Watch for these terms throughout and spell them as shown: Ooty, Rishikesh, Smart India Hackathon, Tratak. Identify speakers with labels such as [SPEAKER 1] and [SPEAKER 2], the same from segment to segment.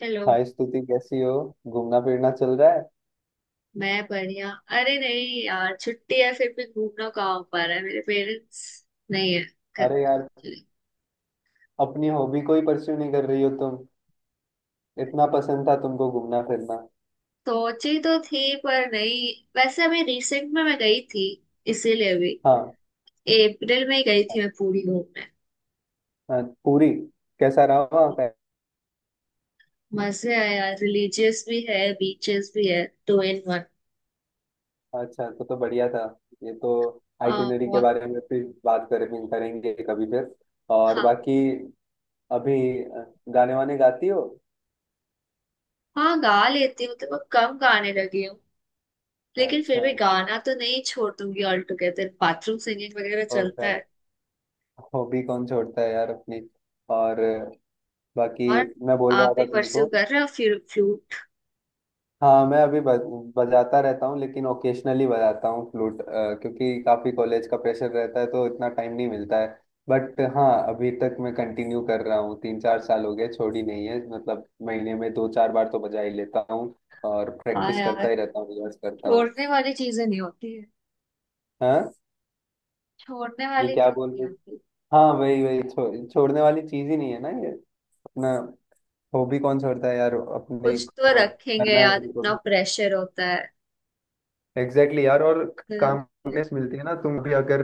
[SPEAKER 1] चलो।
[SPEAKER 2] हाय स्तुति, कैसी हो। घूमना फिरना चल रहा है।
[SPEAKER 1] मैं बढ़िया। अरे नहीं यार, छुट्टी है फिर भी घूमना कहाँ हो पा रहा है, मेरे पेरेंट्स नहीं है घर पे
[SPEAKER 2] अरे यार,
[SPEAKER 1] actually।
[SPEAKER 2] अपनी हॉबी को ही परस्यू नहीं कर रही हो तुम। इतना पसंद था तुमको घूमना फिरना।
[SPEAKER 1] सोची तो थी, पर नहीं। वैसे अभी रिसेंट में मैं गई थी, इसीलिए भी।
[SPEAKER 2] हाँ।
[SPEAKER 1] अप्रैल में ही गई थी मैं, पूरी घूमने।
[SPEAKER 2] हाँ, पूरी। कैसा रहा वहाँ का।
[SPEAKER 1] मजे आए यार, रिलीजियस भी है, बीचेस भी है, टू इन वन।
[SPEAKER 2] अच्छा, तो बढ़िया था। ये तो।
[SPEAKER 1] हाँ
[SPEAKER 2] आइटिनरी के
[SPEAKER 1] बहुत।
[SPEAKER 2] बारे में फिर बात करेंगे करेंगे कभी फिर। और
[SPEAKER 1] हाँ।
[SPEAKER 2] बाकी। अभी अ, गाने वाने गाती हो।
[SPEAKER 1] हाँ, गा लेती हूँ, तो मैं कम गाने लगी हूँ, लेकिन फिर
[SPEAKER 2] अच्छा।
[SPEAKER 1] भी गाना तो नहीं छोड़ दूंगी ऑल टुगेदर। बाथरूम सिंगिंग वगैरह
[SPEAKER 2] और
[SPEAKER 1] चलता
[SPEAKER 2] क्या।
[SPEAKER 1] है।
[SPEAKER 2] हॉबी कौन छोड़ता है यार अपनी। और बाकी।
[SPEAKER 1] और
[SPEAKER 2] मैं बोल रहा
[SPEAKER 1] आप भी
[SPEAKER 2] था
[SPEAKER 1] परस्यू
[SPEAKER 2] तुमको।
[SPEAKER 1] कर रहे हो फिर फ्लूट?
[SPEAKER 2] हाँ, मैं अभी बजाता रहता हूँ, लेकिन ओकेशनली बजाता हूँ फ्लूट। क्योंकि काफी कॉलेज का प्रेशर रहता है तो इतना टाइम नहीं मिलता है। बट हाँ। अभी तक मैं कंटिन्यू कर रहा हूँ, तीन चार साल हो गए, छोड़ी नहीं है, मतलब महीने में दो चार बार तो बजा ही लेता हूँ। और
[SPEAKER 1] हाँ
[SPEAKER 2] प्रैक्टिस
[SPEAKER 1] यार,
[SPEAKER 2] करता ही रहता हूँ, रिहर्स करता हूँ।
[SPEAKER 1] छोड़ने वाली चीजें नहीं होती है।
[SPEAKER 2] हाँ।
[SPEAKER 1] छोड़ने
[SPEAKER 2] जी,
[SPEAKER 1] वाली
[SPEAKER 2] क्या
[SPEAKER 1] चीज
[SPEAKER 2] बोल
[SPEAKER 1] नहीं
[SPEAKER 2] रहे।
[SPEAKER 1] होती।
[SPEAKER 2] हाँ, वही वही छोड़ने वाली चीज ही नहीं है ना ये। अपना। हॉबी कौन छोड़ता है यार अपनी
[SPEAKER 1] कुछ तो
[SPEAKER 2] को।
[SPEAKER 1] रखेंगे
[SPEAKER 2] करना है
[SPEAKER 1] यार, इतना
[SPEAKER 2] बिल्कुल।
[SPEAKER 1] प्रेशर होता है।
[SPEAKER 2] एग्जैक्टली। exactly यार, और
[SPEAKER 1] हम्म,
[SPEAKER 2] काम। मिलती है ना तुम भी अगर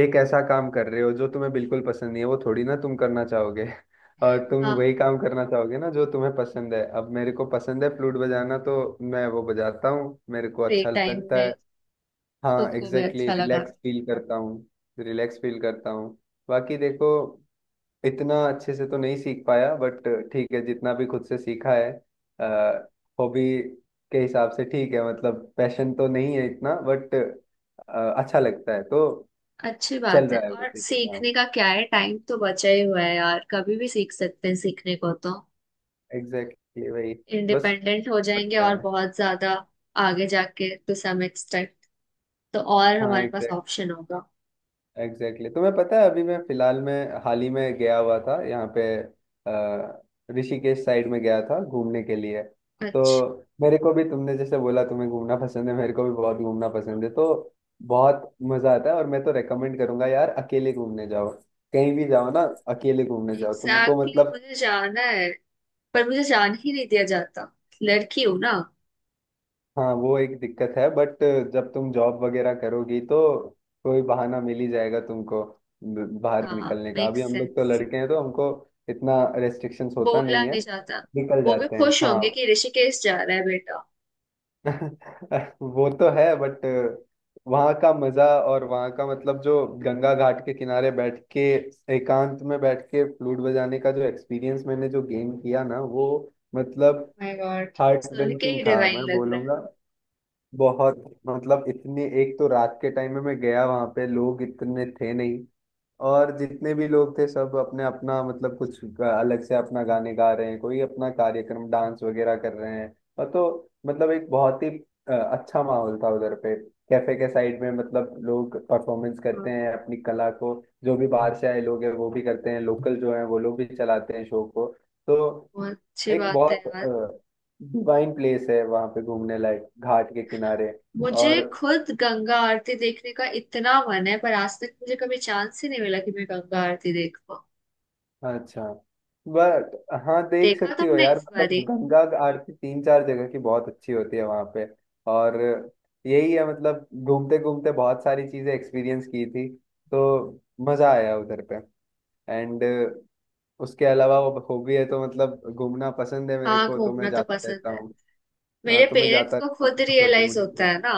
[SPEAKER 2] एक ऐसा काम कर रहे हो जो तुम्हें बिल्कुल पसंद नहीं है, वो थोड़ी ना तुम करना चाहोगे। और तुम
[SPEAKER 1] हाँ।
[SPEAKER 2] वही काम करना चाहोगे ना जो तुम्हें पसंद है। अब मेरे को पसंद है फ्लूट बजाना, तो मैं वो बजाता हूँ, मेरे को
[SPEAKER 1] फ्री
[SPEAKER 2] अच्छा
[SPEAKER 1] टाइम
[SPEAKER 2] लगता है।
[SPEAKER 1] में।
[SPEAKER 2] हाँ
[SPEAKER 1] खुद को भी
[SPEAKER 2] एग्जैक्टली,
[SPEAKER 1] अच्छा लगाना।
[SPEAKER 2] रिलैक्स फील करता हूँ। रिलैक्स फील करता हूँ। बाकी देखो, इतना अच्छे से तो नहीं सीख पाया बट ठीक है, जितना भी खुद से सीखा है। हॉबी के हिसाब से ठीक है, मतलब पैशन तो नहीं है इतना बट अच्छा लगता है तो।
[SPEAKER 1] अच्छी
[SPEAKER 2] चल
[SPEAKER 1] बात है,
[SPEAKER 2] रहा है बस
[SPEAKER 1] और
[SPEAKER 2] ये काम।
[SPEAKER 1] सीखने का क्या है, टाइम तो बचा ही हुआ है यार, कभी भी सीख सकते हैं सीखने को तो।
[SPEAKER 2] एग्जैक्टली exactly, वही। बस
[SPEAKER 1] इंडिपेंडेंट हो जाएंगे
[SPEAKER 2] लगता
[SPEAKER 1] और
[SPEAKER 2] है।
[SPEAKER 1] बहुत ज्यादा आगे जाके टू सम एक्सटेंट, तो और
[SPEAKER 2] हाँ,
[SPEAKER 1] हमारे पास ऑप्शन होगा।
[SPEAKER 2] एग्जैक्टली, तुम्हें पता है, अभी मैं फिलहाल में हाल ही में गया हुआ था यहाँ पे अ, ऋषिकेश साइड में गया था घूमने के लिए। तो
[SPEAKER 1] अच्छा।
[SPEAKER 2] मेरे को भी, तुमने जैसे बोला तुम्हें घूमना पसंद है, मेरे को भी बहुत घूमना पसंद है, तो बहुत मजा आता है। और मैं तो रेकमेंड करूंगा यार, अकेले घूमने जाओ। कहीं भी जाओ ना, अकेले घूमने जाओ तुमको
[SPEAKER 1] एग्जैक्टली,
[SPEAKER 2] मतलब।
[SPEAKER 1] मुझे जाना है, पर मुझे जाने ही नहीं दिया जाता। लड़की हूं ना।
[SPEAKER 2] हाँ, वो एक दिक्कत है, बट जब तुम जॉब वगैरह करोगी तो कोई बहाना मिल ही जाएगा तुमको बाहर
[SPEAKER 1] हाँ,
[SPEAKER 2] निकलने का।
[SPEAKER 1] मेक
[SPEAKER 2] अभी हम लोग तो
[SPEAKER 1] सेंस।
[SPEAKER 2] लड़के हैं, तो हमको इतना रेस्ट्रिक्शंस होता
[SPEAKER 1] बोला
[SPEAKER 2] नहीं है,
[SPEAKER 1] नहीं जाता।
[SPEAKER 2] निकल
[SPEAKER 1] वो भी
[SPEAKER 2] जाते हैं
[SPEAKER 1] खुश
[SPEAKER 2] हाँ।
[SPEAKER 1] होंगे कि ऋषिकेश जा रहा है बेटा।
[SPEAKER 2] वो तो है, बट वहाँ का मजा, और वहाँ का मतलब, जो गंगा घाट के किनारे बैठ के, एकांत में बैठ के फ्लूट बजाने का जो एक्सपीरियंस मैंने जो गेन किया ना, वो
[SPEAKER 1] ओह
[SPEAKER 2] मतलब
[SPEAKER 1] माय गॉड।
[SPEAKER 2] हार्ट
[SPEAKER 1] सुन के
[SPEAKER 2] बेंचिंग
[SPEAKER 1] ही
[SPEAKER 2] था
[SPEAKER 1] डिवाइन
[SPEAKER 2] मैं
[SPEAKER 1] लग रहा है।
[SPEAKER 2] बोलूंगा। बहुत। मतलब इतनी एक तो, रात के टाइम में मैं गया वहां पे, लोग इतने थे नहीं। और जितने भी लोग थे सब अपने अपना, मतलब कुछ अलग से अपना गाने गा रहे हैं, कोई अपना कार्यक्रम डांस वगैरह कर रहे हैं। और तो मतलब एक बहुत ही अच्छा माहौल था उधर पे। कैफे के साइड में मतलब लोग परफॉर्मेंस
[SPEAKER 1] हाँ,
[SPEAKER 2] करते
[SPEAKER 1] हाँ।
[SPEAKER 2] हैं अपनी कला को। जो भी बाहर से आए लोग हैं वो भी करते हैं, लोकल जो है वो लोग भी चलाते हैं शो को। तो
[SPEAKER 1] बहुत अच्छी
[SPEAKER 2] एक
[SPEAKER 1] बात है यार।
[SPEAKER 2] बहुत डिवाइन प्लेस है वहां पे घूमने लायक, घाट के किनारे।
[SPEAKER 1] मुझे
[SPEAKER 2] और
[SPEAKER 1] खुद गंगा आरती देखने का इतना मन है, पर आज तक मुझे कभी चांस ही नहीं मिला कि मैं गंगा आरती देख पाऊँ।
[SPEAKER 2] अच्छा, बट हाँ, देख
[SPEAKER 1] देखा
[SPEAKER 2] सकती हो
[SPEAKER 1] तुमने
[SPEAKER 2] यार,
[SPEAKER 1] इस
[SPEAKER 2] मतलब
[SPEAKER 1] बारी?
[SPEAKER 2] गंगा का आरती तीन चार जगह की बहुत अच्छी होती है वहां पे। और यही है, मतलब घूमते घूमते बहुत सारी चीजें एक्सपीरियंस की थी। तो मजा आया उधर पे। एंड उसके अलावा वो हॉबी है तो, मतलब घूमना पसंद है मेरे
[SPEAKER 1] हाँ,
[SPEAKER 2] को तो मैं
[SPEAKER 1] घूमना तो
[SPEAKER 2] जाता
[SPEAKER 1] पसंद
[SPEAKER 2] रहता
[SPEAKER 1] है।
[SPEAKER 2] हूँ।
[SPEAKER 1] मेरे
[SPEAKER 2] हाँ, तो मैं
[SPEAKER 1] पेरेंट्स
[SPEAKER 2] जाता
[SPEAKER 1] को
[SPEAKER 2] रहता
[SPEAKER 1] खुद
[SPEAKER 2] हूँ छोटी
[SPEAKER 1] रियलाइज होता
[SPEAKER 2] मोटी।
[SPEAKER 1] है ना,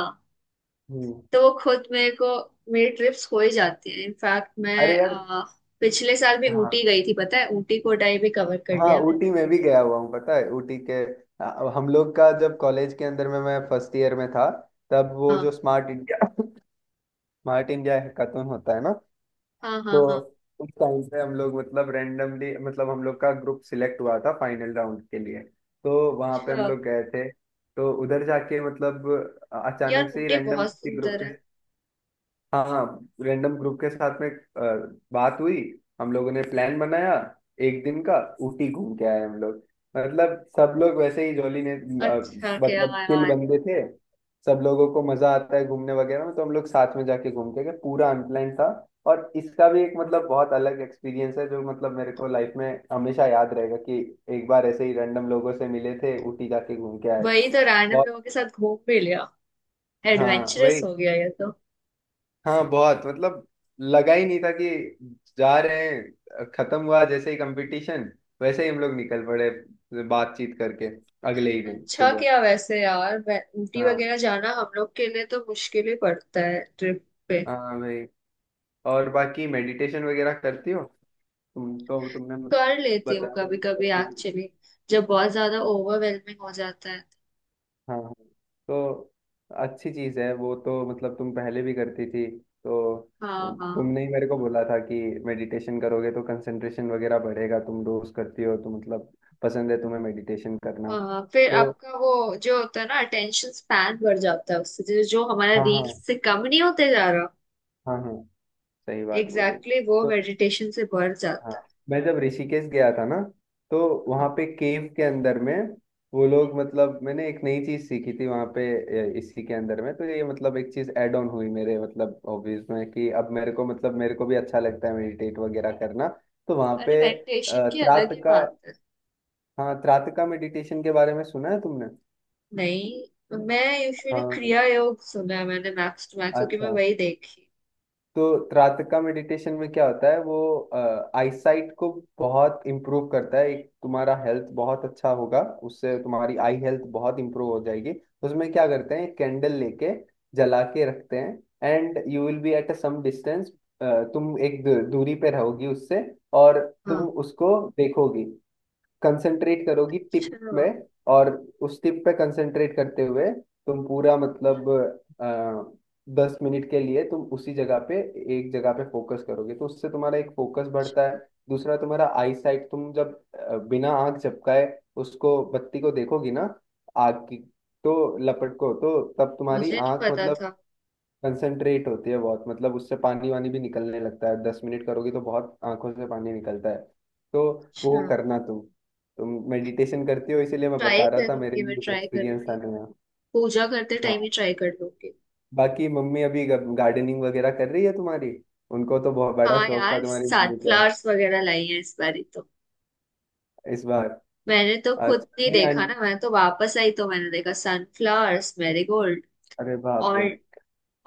[SPEAKER 2] हम्म
[SPEAKER 1] तो वो खुद मेरे को, मेरी ट्रिप्स हो ही जाती है। इनफैक्ट मैं
[SPEAKER 2] अरे यार।
[SPEAKER 1] पिछले साल भी
[SPEAKER 2] हाँ
[SPEAKER 1] ऊटी गई थी। पता है, ऊटी कोटाई भी कवर कर
[SPEAKER 2] हाँ,
[SPEAKER 1] लिया मैंने।
[SPEAKER 2] ऊटी में भी गया हुआ हूँ, पता है ऊटी के। हम लोग का जब कॉलेज के अंदर में मैं फर्स्ट ईयर में था, तब वो जो
[SPEAKER 1] हाँ
[SPEAKER 2] स्मार्ट इंडिया हैकाथन होता है ना।
[SPEAKER 1] हाँ हाँ
[SPEAKER 2] तो
[SPEAKER 1] हाँ।
[SPEAKER 2] उस टाइम पे हम लोग मतलब रैंडमली, मतलब हम लोग का ग्रुप सिलेक्ट हुआ था फाइनल राउंड के लिए। तो वहाँ पे हम
[SPEAKER 1] अच्छा।
[SPEAKER 2] लोग गए थे। तो उधर जाके मतलब
[SPEAKER 1] यार,
[SPEAKER 2] अचानक से ही
[SPEAKER 1] ऊटी
[SPEAKER 2] रैंडम
[SPEAKER 1] बहुत
[SPEAKER 2] किसी ग्रुप
[SPEAKER 1] सुंदर है।
[SPEAKER 2] के, हाँ हाँ, रैंडम ग्रुप के साथ में बात हुई। हम लोगों ने प्लान बनाया एक दिन का, ऊटी घूम के आए हम लोग। मतलब सब लोग वैसे ही जॉली ने
[SPEAKER 1] अच्छा क्या
[SPEAKER 2] मतलब चिल
[SPEAKER 1] यार।
[SPEAKER 2] बंदे थे। सब लोगों को मजा आता है घूमने वगैरह में, तो हम लोग साथ में जाके घूम के गए, पूरा अनप्लान था। और इसका भी एक मतलब बहुत अलग एक्सपीरियंस है जो मतलब मेरे को लाइफ में हमेशा याद रहेगा कि एक बार ऐसे ही रैंडम लोगों से मिले थे, ऊटी जाके घूम के आए।
[SPEAKER 1] वही तो, रैंडम
[SPEAKER 2] बहुत।
[SPEAKER 1] लोगों के साथ घूम भी लिया।
[SPEAKER 2] हाँ
[SPEAKER 1] एडवेंचरस
[SPEAKER 2] वही।
[SPEAKER 1] हो गया ये तो।
[SPEAKER 2] हाँ बहुत, मतलब लगा ही नहीं था कि जा रहे हैं, खत्म हुआ जैसे ही कंपटीशन, वैसे ही हम लोग निकल पड़े, बातचीत करके, अगले ही दिन
[SPEAKER 1] अच्छा
[SPEAKER 2] सुबह।
[SPEAKER 1] क्या वैसे यार, ऊटी
[SPEAKER 2] हाँ
[SPEAKER 1] वगैरह जाना हम लोग के लिए तो मुश्किल ही पड़ता है ट्रिप पे।
[SPEAKER 2] हाँ भाई। और बाकी मेडिटेशन वगैरह करती हो तुम तो, तुमने
[SPEAKER 1] कर लेती हूँ
[SPEAKER 2] बता दो,
[SPEAKER 1] कभी कभी
[SPEAKER 2] करती थी।
[SPEAKER 1] एक्चुअली, जब बहुत ज्यादा ओवरवेलमिंग हो जाता है।
[SPEAKER 2] हाँ हाँ। तो अच्छी चीज है वो तो, मतलब तुम पहले भी करती थी, तो
[SPEAKER 1] हाँ हाँ
[SPEAKER 2] तुमने ही मेरे को बोला था कि मेडिटेशन करोगे तो कंसंट्रेशन वगैरह बढ़ेगा, तुम रोज करती हो तो मतलब पसंद है तुम्हें मेडिटेशन करना।
[SPEAKER 1] हाँ। फिर
[SPEAKER 2] तो
[SPEAKER 1] आपका वो जो होता है ना, अटेंशन स्पैन बढ़ जाता है उससे, जो जो हमारा
[SPEAKER 2] हाँ हाँ।
[SPEAKER 1] रील्स से कम नहीं होते जा रहा।
[SPEAKER 2] हाँ हाँ, सही बात बोली।
[SPEAKER 1] एग्जैक्टली वो
[SPEAKER 2] तो
[SPEAKER 1] मेडिटेशन से बढ़
[SPEAKER 2] हाँ,
[SPEAKER 1] जाता है।
[SPEAKER 2] मैं जब ऋषिकेश गया था ना, तो वहाँ
[SPEAKER 1] हाँ।
[SPEAKER 2] पे केव के अंदर में वो लोग, मतलब मैंने एक नई चीज सीखी थी वहाँ पे। इसी के अंदर में तो ये, मतलब एक चीज ऐड ऑन हुई मेरे मतलब हॉबीज में, कि अब मेरे को मतलब मेरे को भी अच्छा लगता है मेडिटेट वगैरह करना। तो वहाँ
[SPEAKER 1] अरे,
[SPEAKER 2] पे
[SPEAKER 1] मेडिटेशन की अलग ही
[SPEAKER 2] त्राटका,
[SPEAKER 1] बात है।
[SPEAKER 2] हाँ त्राटका मेडिटेशन के बारे में सुना है तुमने।
[SPEAKER 1] नहीं, मैं यूजुअली
[SPEAKER 2] हाँ।
[SPEAKER 1] क्रिया योग सुना है मैंने, मैक्स टू मैक्स, क्योंकि मैं
[SPEAKER 2] अच्छा।
[SPEAKER 1] वही देखी।
[SPEAKER 2] तो त्राटका मेडिटेशन में क्या होता है वो, आईसाइट को बहुत इम्प्रूव करता है, एक तुम्हारा हेल्थ बहुत अच्छा होगा, उससे तुम्हारी आई हेल्थ बहुत इम्प्रूव हो जाएगी। उसमें क्या करते हैं, कैंडल लेके जला के रखते हैं, and you will be at a some distance. तुम एक दूरी पे रहोगी उससे, और तुम
[SPEAKER 1] हाँ,
[SPEAKER 2] उसको देखोगी, कंसंट्रेट करोगी टिप
[SPEAKER 1] अच्छा।
[SPEAKER 2] में। और उस टिप पे कंसंट्रेट करते हुए तुम पूरा, मतलब अ, 10 मिनट के लिए तुम उसी जगह पे, एक जगह पे फोकस करोगे तो उससे तुम्हारा एक फोकस बढ़ता है। दूसरा तुम्हारा आई साइट, तुम जब बिना आंख झपकाए उसको बत्ती को देखोगी ना, आग की तो लपट को, तो तब तुम्हारी
[SPEAKER 1] मुझे नहीं
[SPEAKER 2] आंख
[SPEAKER 1] पता
[SPEAKER 2] मतलब
[SPEAKER 1] था।
[SPEAKER 2] कंसंट्रेट होती है बहुत, मतलब उससे पानी वानी भी निकलने लगता है, 10 मिनट करोगी तो बहुत आंखों से पानी निकलता है। तो वो
[SPEAKER 1] अच्छा।
[SPEAKER 2] करना तुम मेडिटेशन करती हो इसीलिए मैं
[SPEAKER 1] ट्राई
[SPEAKER 2] बता रहा था, मेरे
[SPEAKER 1] करूंगी, मैं
[SPEAKER 2] लिए एक
[SPEAKER 1] ट्राई
[SPEAKER 2] एक्सपीरियंस
[SPEAKER 1] करूंगी।
[SPEAKER 2] था नया।
[SPEAKER 1] पूजा करते
[SPEAKER 2] हाँ।
[SPEAKER 1] टाइम ही ट्राई कर लूंगी।
[SPEAKER 2] बाकी मम्मी अभी गार्डनिंग वगैरह कर रही है तुम्हारी, उनको तो बहुत बड़ा
[SPEAKER 1] हाँ
[SPEAKER 2] शौक था
[SPEAKER 1] यार,
[SPEAKER 2] तुम्हारी मम्मी को।
[SPEAKER 1] सनफ्लावर्स वगैरह लाई है इस बारी तो।
[SPEAKER 2] इस बार
[SPEAKER 1] मैंने तो खुद
[SPEAKER 2] अच्छा,
[SPEAKER 1] नहीं
[SPEAKER 2] नहीं
[SPEAKER 1] देखा
[SPEAKER 2] आंट,
[SPEAKER 1] ना, मैं तो वापस आई तो मैंने देखा सनफ्लावर्स, मैरीगोल्ड।
[SPEAKER 2] अरे बाप
[SPEAKER 1] और
[SPEAKER 2] रे।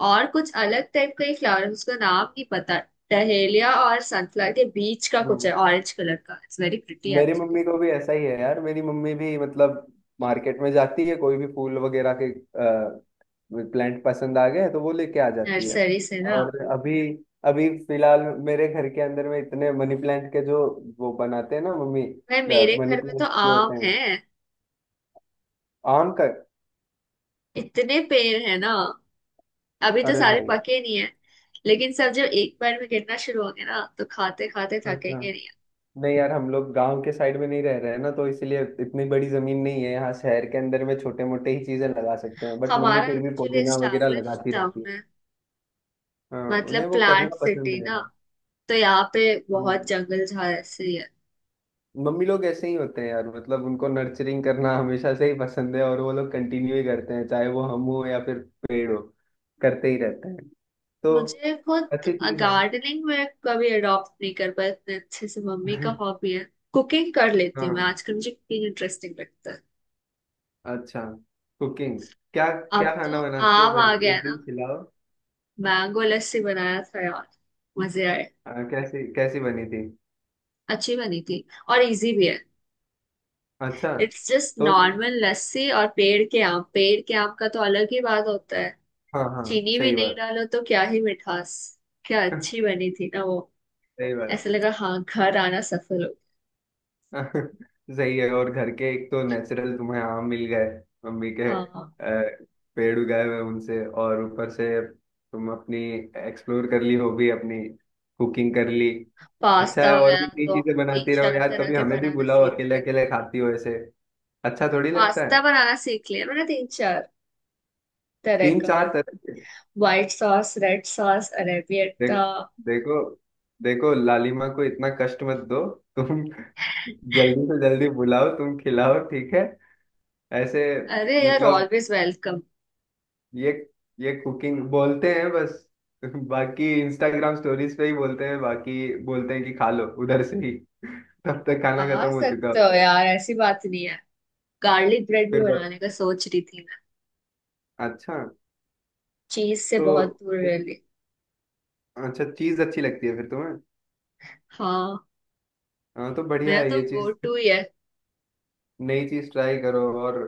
[SPEAKER 1] और कुछ अलग टाइप का ही फ्लावर है, उसका नाम नहीं पता। डहेलिया और सनफ्लावर के बीच का कुछ है,
[SPEAKER 2] हम्म
[SPEAKER 1] ऑरेंज कलर का, इट्स वेरी प्रिटी
[SPEAKER 2] मेरी
[SPEAKER 1] एक्चुअली।
[SPEAKER 2] मम्मी को भी ऐसा ही है यार, मेरी मम्मी भी मतलब मार्केट में जाती है, कोई भी फूल वगैरह के प्लांट पसंद आ गए तो वो लेके आ जाती है।
[SPEAKER 1] नर्सरी से ना।
[SPEAKER 2] और अभी, अभी फिलहाल मेरे घर के अंदर में इतने मनी प्लांट के, जो वो बनाते हैं ना मम्मी,
[SPEAKER 1] मैं, मेरे
[SPEAKER 2] मनी
[SPEAKER 1] घर में तो
[SPEAKER 2] प्लांट जो
[SPEAKER 1] आम
[SPEAKER 2] होते
[SPEAKER 1] है,
[SPEAKER 2] हैं। आम का,
[SPEAKER 1] इतने पेड़ है ना। अभी तो
[SPEAKER 2] अरे
[SPEAKER 1] सारे
[SPEAKER 2] भाई।
[SPEAKER 1] पके नहीं है, लेकिन सब जब एक बार में गिरना शुरू होंगे ना, तो खाते खाते
[SPEAKER 2] अच्छा,
[SPEAKER 1] थकेंगे नहीं।
[SPEAKER 2] नहीं यार, हम लोग गांव के साइड में नहीं रह रहे हैं ना, तो इसलिए इतनी बड़ी जमीन नहीं है, यहाँ शहर के अंदर में छोटे मोटे ही चीजें लगा सकते हैं, बट मम्मी
[SPEAKER 1] हमारा
[SPEAKER 2] फिर भी
[SPEAKER 1] एक्चुअली
[SPEAKER 2] पुदीना वगैरह
[SPEAKER 1] एस्टेब्लिश
[SPEAKER 2] लगाती रहती
[SPEAKER 1] टाउन
[SPEAKER 2] है।
[SPEAKER 1] है,
[SPEAKER 2] हाँ,
[SPEAKER 1] मतलब
[SPEAKER 2] उन्हें वो करना
[SPEAKER 1] प्लांट
[SPEAKER 2] पसंद
[SPEAKER 1] सिटी
[SPEAKER 2] है
[SPEAKER 1] ना,
[SPEAKER 2] यार।
[SPEAKER 1] तो यहाँ पे
[SPEAKER 2] हाँ,
[SPEAKER 1] बहुत जंगल झाड़ ऐसे ही है।
[SPEAKER 2] मम्मी लोग ऐसे ही होते हैं यार, मतलब उनको नर्चरिंग करना हमेशा से ही पसंद है, और वो लोग कंटिन्यू ही करते हैं, चाहे वो हम हो या फिर पेड़ हो, करते ही रहते हैं। तो
[SPEAKER 1] मुझे खुद
[SPEAKER 2] अच्छी चीज है।
[SPEAKER 1] गार्डनिंग में कभी अडॉप्ट नहीं कर पाया इतने अच्छे से, मम्मी का हॉबी है। कुकिंग कर लेती हूँ मैं
[SPEAKER 2] हाँ,
[SPEAKER 1] आजकल, मुझे कुकिंग इंटरेस्टिंग लगता है।
[SPEAKER 2] अच्छा, कुकिंग क्या,
[SPEAKER 1] अब
[SPEAKER 2] क्या
[SPEAKER 1] तो
[SPEAKER 2] खाना बनाती हो
[SPEAKER 1] आम
[SPEAKER 2] फिर,
[SPEAKER 1] आ गया है
[SPEAKER 2] एक दिन
[SPEAKER 1] ना,
[SPEAKER 2] खिलाओ।
[SPEAKER 1] मैंगो लस्सी बनाया था यार, मजे आए।
[SPEAKER 2] कैसी कैसी बनी थी।
[SPEAKER 1] अच्छी बनी थी, और इजी भी है।
[SPEAKER 2] अच्छा।
[SPEAKER 1] इट्स जस्ट
[SPEAKER 2] तो
[SPEAKER 1] नॉर्मल लस्सी, और पेड़ के आम, पेड़ के आम का तो अलग ही बात होता है।
[SPEAKER 2] हाँ हाँ,
[SPEAKER 1] चीनी भी
[SPEAKER 2] सही
[SPEAKER 1] नहीं
[SPEAKER 2] बात।
[SPEAKER 1] डालो तो क्या ही मिठास। क्या अच्छी बनी थी ना वो।
[SPEAKER 2] सही बात।
[SPEAKER 1] ऐसा लगा हाँ, घर आना सफल हो।
[SPEAKER 2] सही है, और घर के एक तो नेचुरल तुम्हें आम मिल गए मम्मी के
[SPEAKER 1] हाँ,
[SPEAKER 2] पेड़ उगाए हुए उनसे, और ऊपर से तुम अपनी एक्सप्लोर कर ली हॉबी अपनी, कुकिंग कर ली। अच्छा
[SPEAKER 1] पास्ता
[SPEAKER 2] है, और
[SPEAKER 1] वगैरह
[SPEAKER 2] भी नई
[SPEAKER 1] तो
[SPEAKER 2] चीजें
[SPEAKER 1] तीन
[SPEAKER 2] बनाती रहो
[SPEAKER 1] चार
[SPEAKER 2] यार,
[SPEAKER 1] तरह
[SPEAKER 2] कभी
[SPEAKER 1] के
[SPEAKER 2] हमें भी
[SPEAKER 1] बनाना
[SPEAKER 2] बुलाओ,
[SPEAKER 1] सीख लिया।
[SPEAKER 2] अकेले अकेले खाती हो ऐसे। अच्छा थोड़ी लगता
[SPEAKER 1] पास्ता
[SPEAKER 2] है।
[SPEAKER 1] बनाना सीख लिया मैंने, तीन चार तरह
[SPEAKER 2] तीन
[SPEAKER 1] का।
[SPEAKER 2] चार तरह के।
[SPEAKER 1] व्हाइट सॉस, रेड सॉस,
[SPEAKER 2] देख
[SPEAKER 1] अरेबियता।
[SPEAKER 2] देखो देखो लालिमा को इतना कष्ट मत दो तुम। जल्दी से जल्दी बुलाओ, तुम खिलाओ ठीक है, ऐसे
[SPEAKER 1] अरे यार,
[SPEAKER 2] मतलब
[SPEAKER 1] ऑलवेज वेलकम।
[SPEAKER 2] ये ये कुकिंग बोलते हैं बस। बाकी इंस्टाग्राम स्टोरीज पे ही बोलते हैं, बाकी बोलते हैं कि खा लो उधर से ही। तब तक खाना
[SPEAKER 1] आ
[SPEAKER 2] खत्म हो चुका
[SPEAKER 1] सकते हो
[SPEAKER 2] होता है।
[SPEAKER 1] यार, ऐसी बात नहीं है। गार्लिक ब्रेड भी
[SPEAKER 2] फिर बत
[SPEAKER 1] बनाने का सोच रही थी मैं,
[SPEAKER 2] अच्छा,
[SPEAKER 1] चीज से बहुत
[SPEAKER 2] तो
[SPEAKER 1] दूर रह ली।
[SPEAKER 2] अच्छा, चीज अच्छी लगती है फिर तुम्हें।
[SPEAKER 1] हाँ,
[SPEAKER 2] हाँ तो बढ़िया
[SPEAKER 1] मेरा
[SPEAKER 2] है
[SPEAKER 1] तो
[SPEAKER 2] ये
[SPEAKER 1] गो
[SPEAKER 2] चीज।
[SPEAKER 1] टू ही है
[SPEAKER 2] नई चीज ट्राई करो, और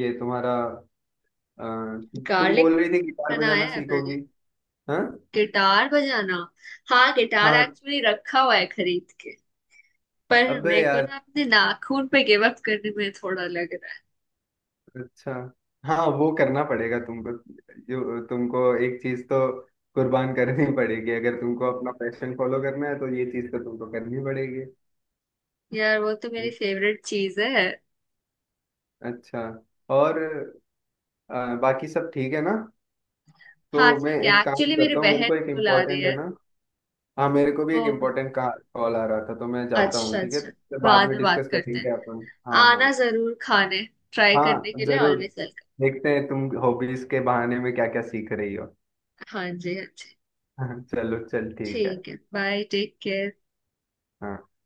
[SPEAKER 2] ये तुम्हारा अ, तुम
[SPEAKER 1] गार्लिक
[SPEAKER 2] बोल रही
[SPEAKER 1] ब्रेड।
[SPEAKER 2] थी गिटार बजाना
[SPEAKER 1] बनाया है
[SPEAKER 2] सीखोगी।
[SPEAKER 1] पहले।
[SPEAKER 2] हाँ।
[SPEAKER 1] गिटार बजाना? हाँ, गिटार
[SPEAKER 2] हाँ,
[SPEAKER 1] एक्चुअली रखा हुआ है खरीद के, पर
[SPEAKER 2] अबे
[SPEAKER 1] मेरे को
[SPEAKER 2] यार,
[SPEAKER 1] ना अपने नाखून पे गिव अप करने में थोड़ा लग रहा
[SPEAKER 2] अच्छा। हाँ, वो करना पड़ेगा तुमको, जो तुमको एक चीज तो कुर्बान करनी पड़ेगी, अगर तुमको अपना पैशन फॉलो करना है तो ये चीज तो तुमको करनी पड़ेगी।
[SPEAKER 1] है यार। वो तो मेरी फेवरेट चीज है।
[SPEAKER 2] अच्छा। और बाकी सब ठीक है ना।
[SPEAKER 1] हाँ
[SPEAKER 2] तो मैं
[SPEAKER 1] ठीक है,
[SPEAKER 2] एक काम
[SPEAKER 1] एक्चुअली मेरी
[SPEAKER 2] करता हूँ, मेरे को
[SPEAKER 1] बहन
[SPEAKER 2] एक
[SPEAKER 1] बुला रही
[SPEAKER 2] इम्पोर्टेंट है
[SPEAKER 1] है
[SPEAKER 2] ना। हाँ, मेरे को भी
[SPEAKER 1] तो।
[SPEAKER 2] एक इम्पोर्टेंट का कॉल आ रहा था, तो मैं जाता
[SPEAKER 1] अच्छा
[SPEAKER 2] हूँ ठीक है,
[SPEAKER 1] अच्छा,
[SPEAKER 2] तो फिर बाद
[SPEAKER 1] बाद
[SPEAKER 2] में
[SPEAKER 1] में बात
[SPEAKER 2] डिस्कस
[SPEAKER 1] करते
[SPEAKER 2] करेंगे
[SPEAKER 1] हैं।
[SPEAKER 2] अपन, हाँ हाँ।
[SPEAKER 1] आना जरूर, खाने ट्राई
[SPEAKER 2] हाँ
[SPEAKER 1] करने के लिए
[SPEAKER 2] जरूर,
[SPEAKER 1] ऑलवेज वेलकम।
[SPEAKER 2] देखते हैं तुम हॉबीज के बहाने में क्या क्या सीख रही हो।
[SPEAKER 1] हाँ जी, हाँ जी।
[SPEAKER 2] चलो चल ठीक है।
[SPEAKER 1] ठीक है, बाय, टेक केयर।
[SPEAKER 2] हाँ।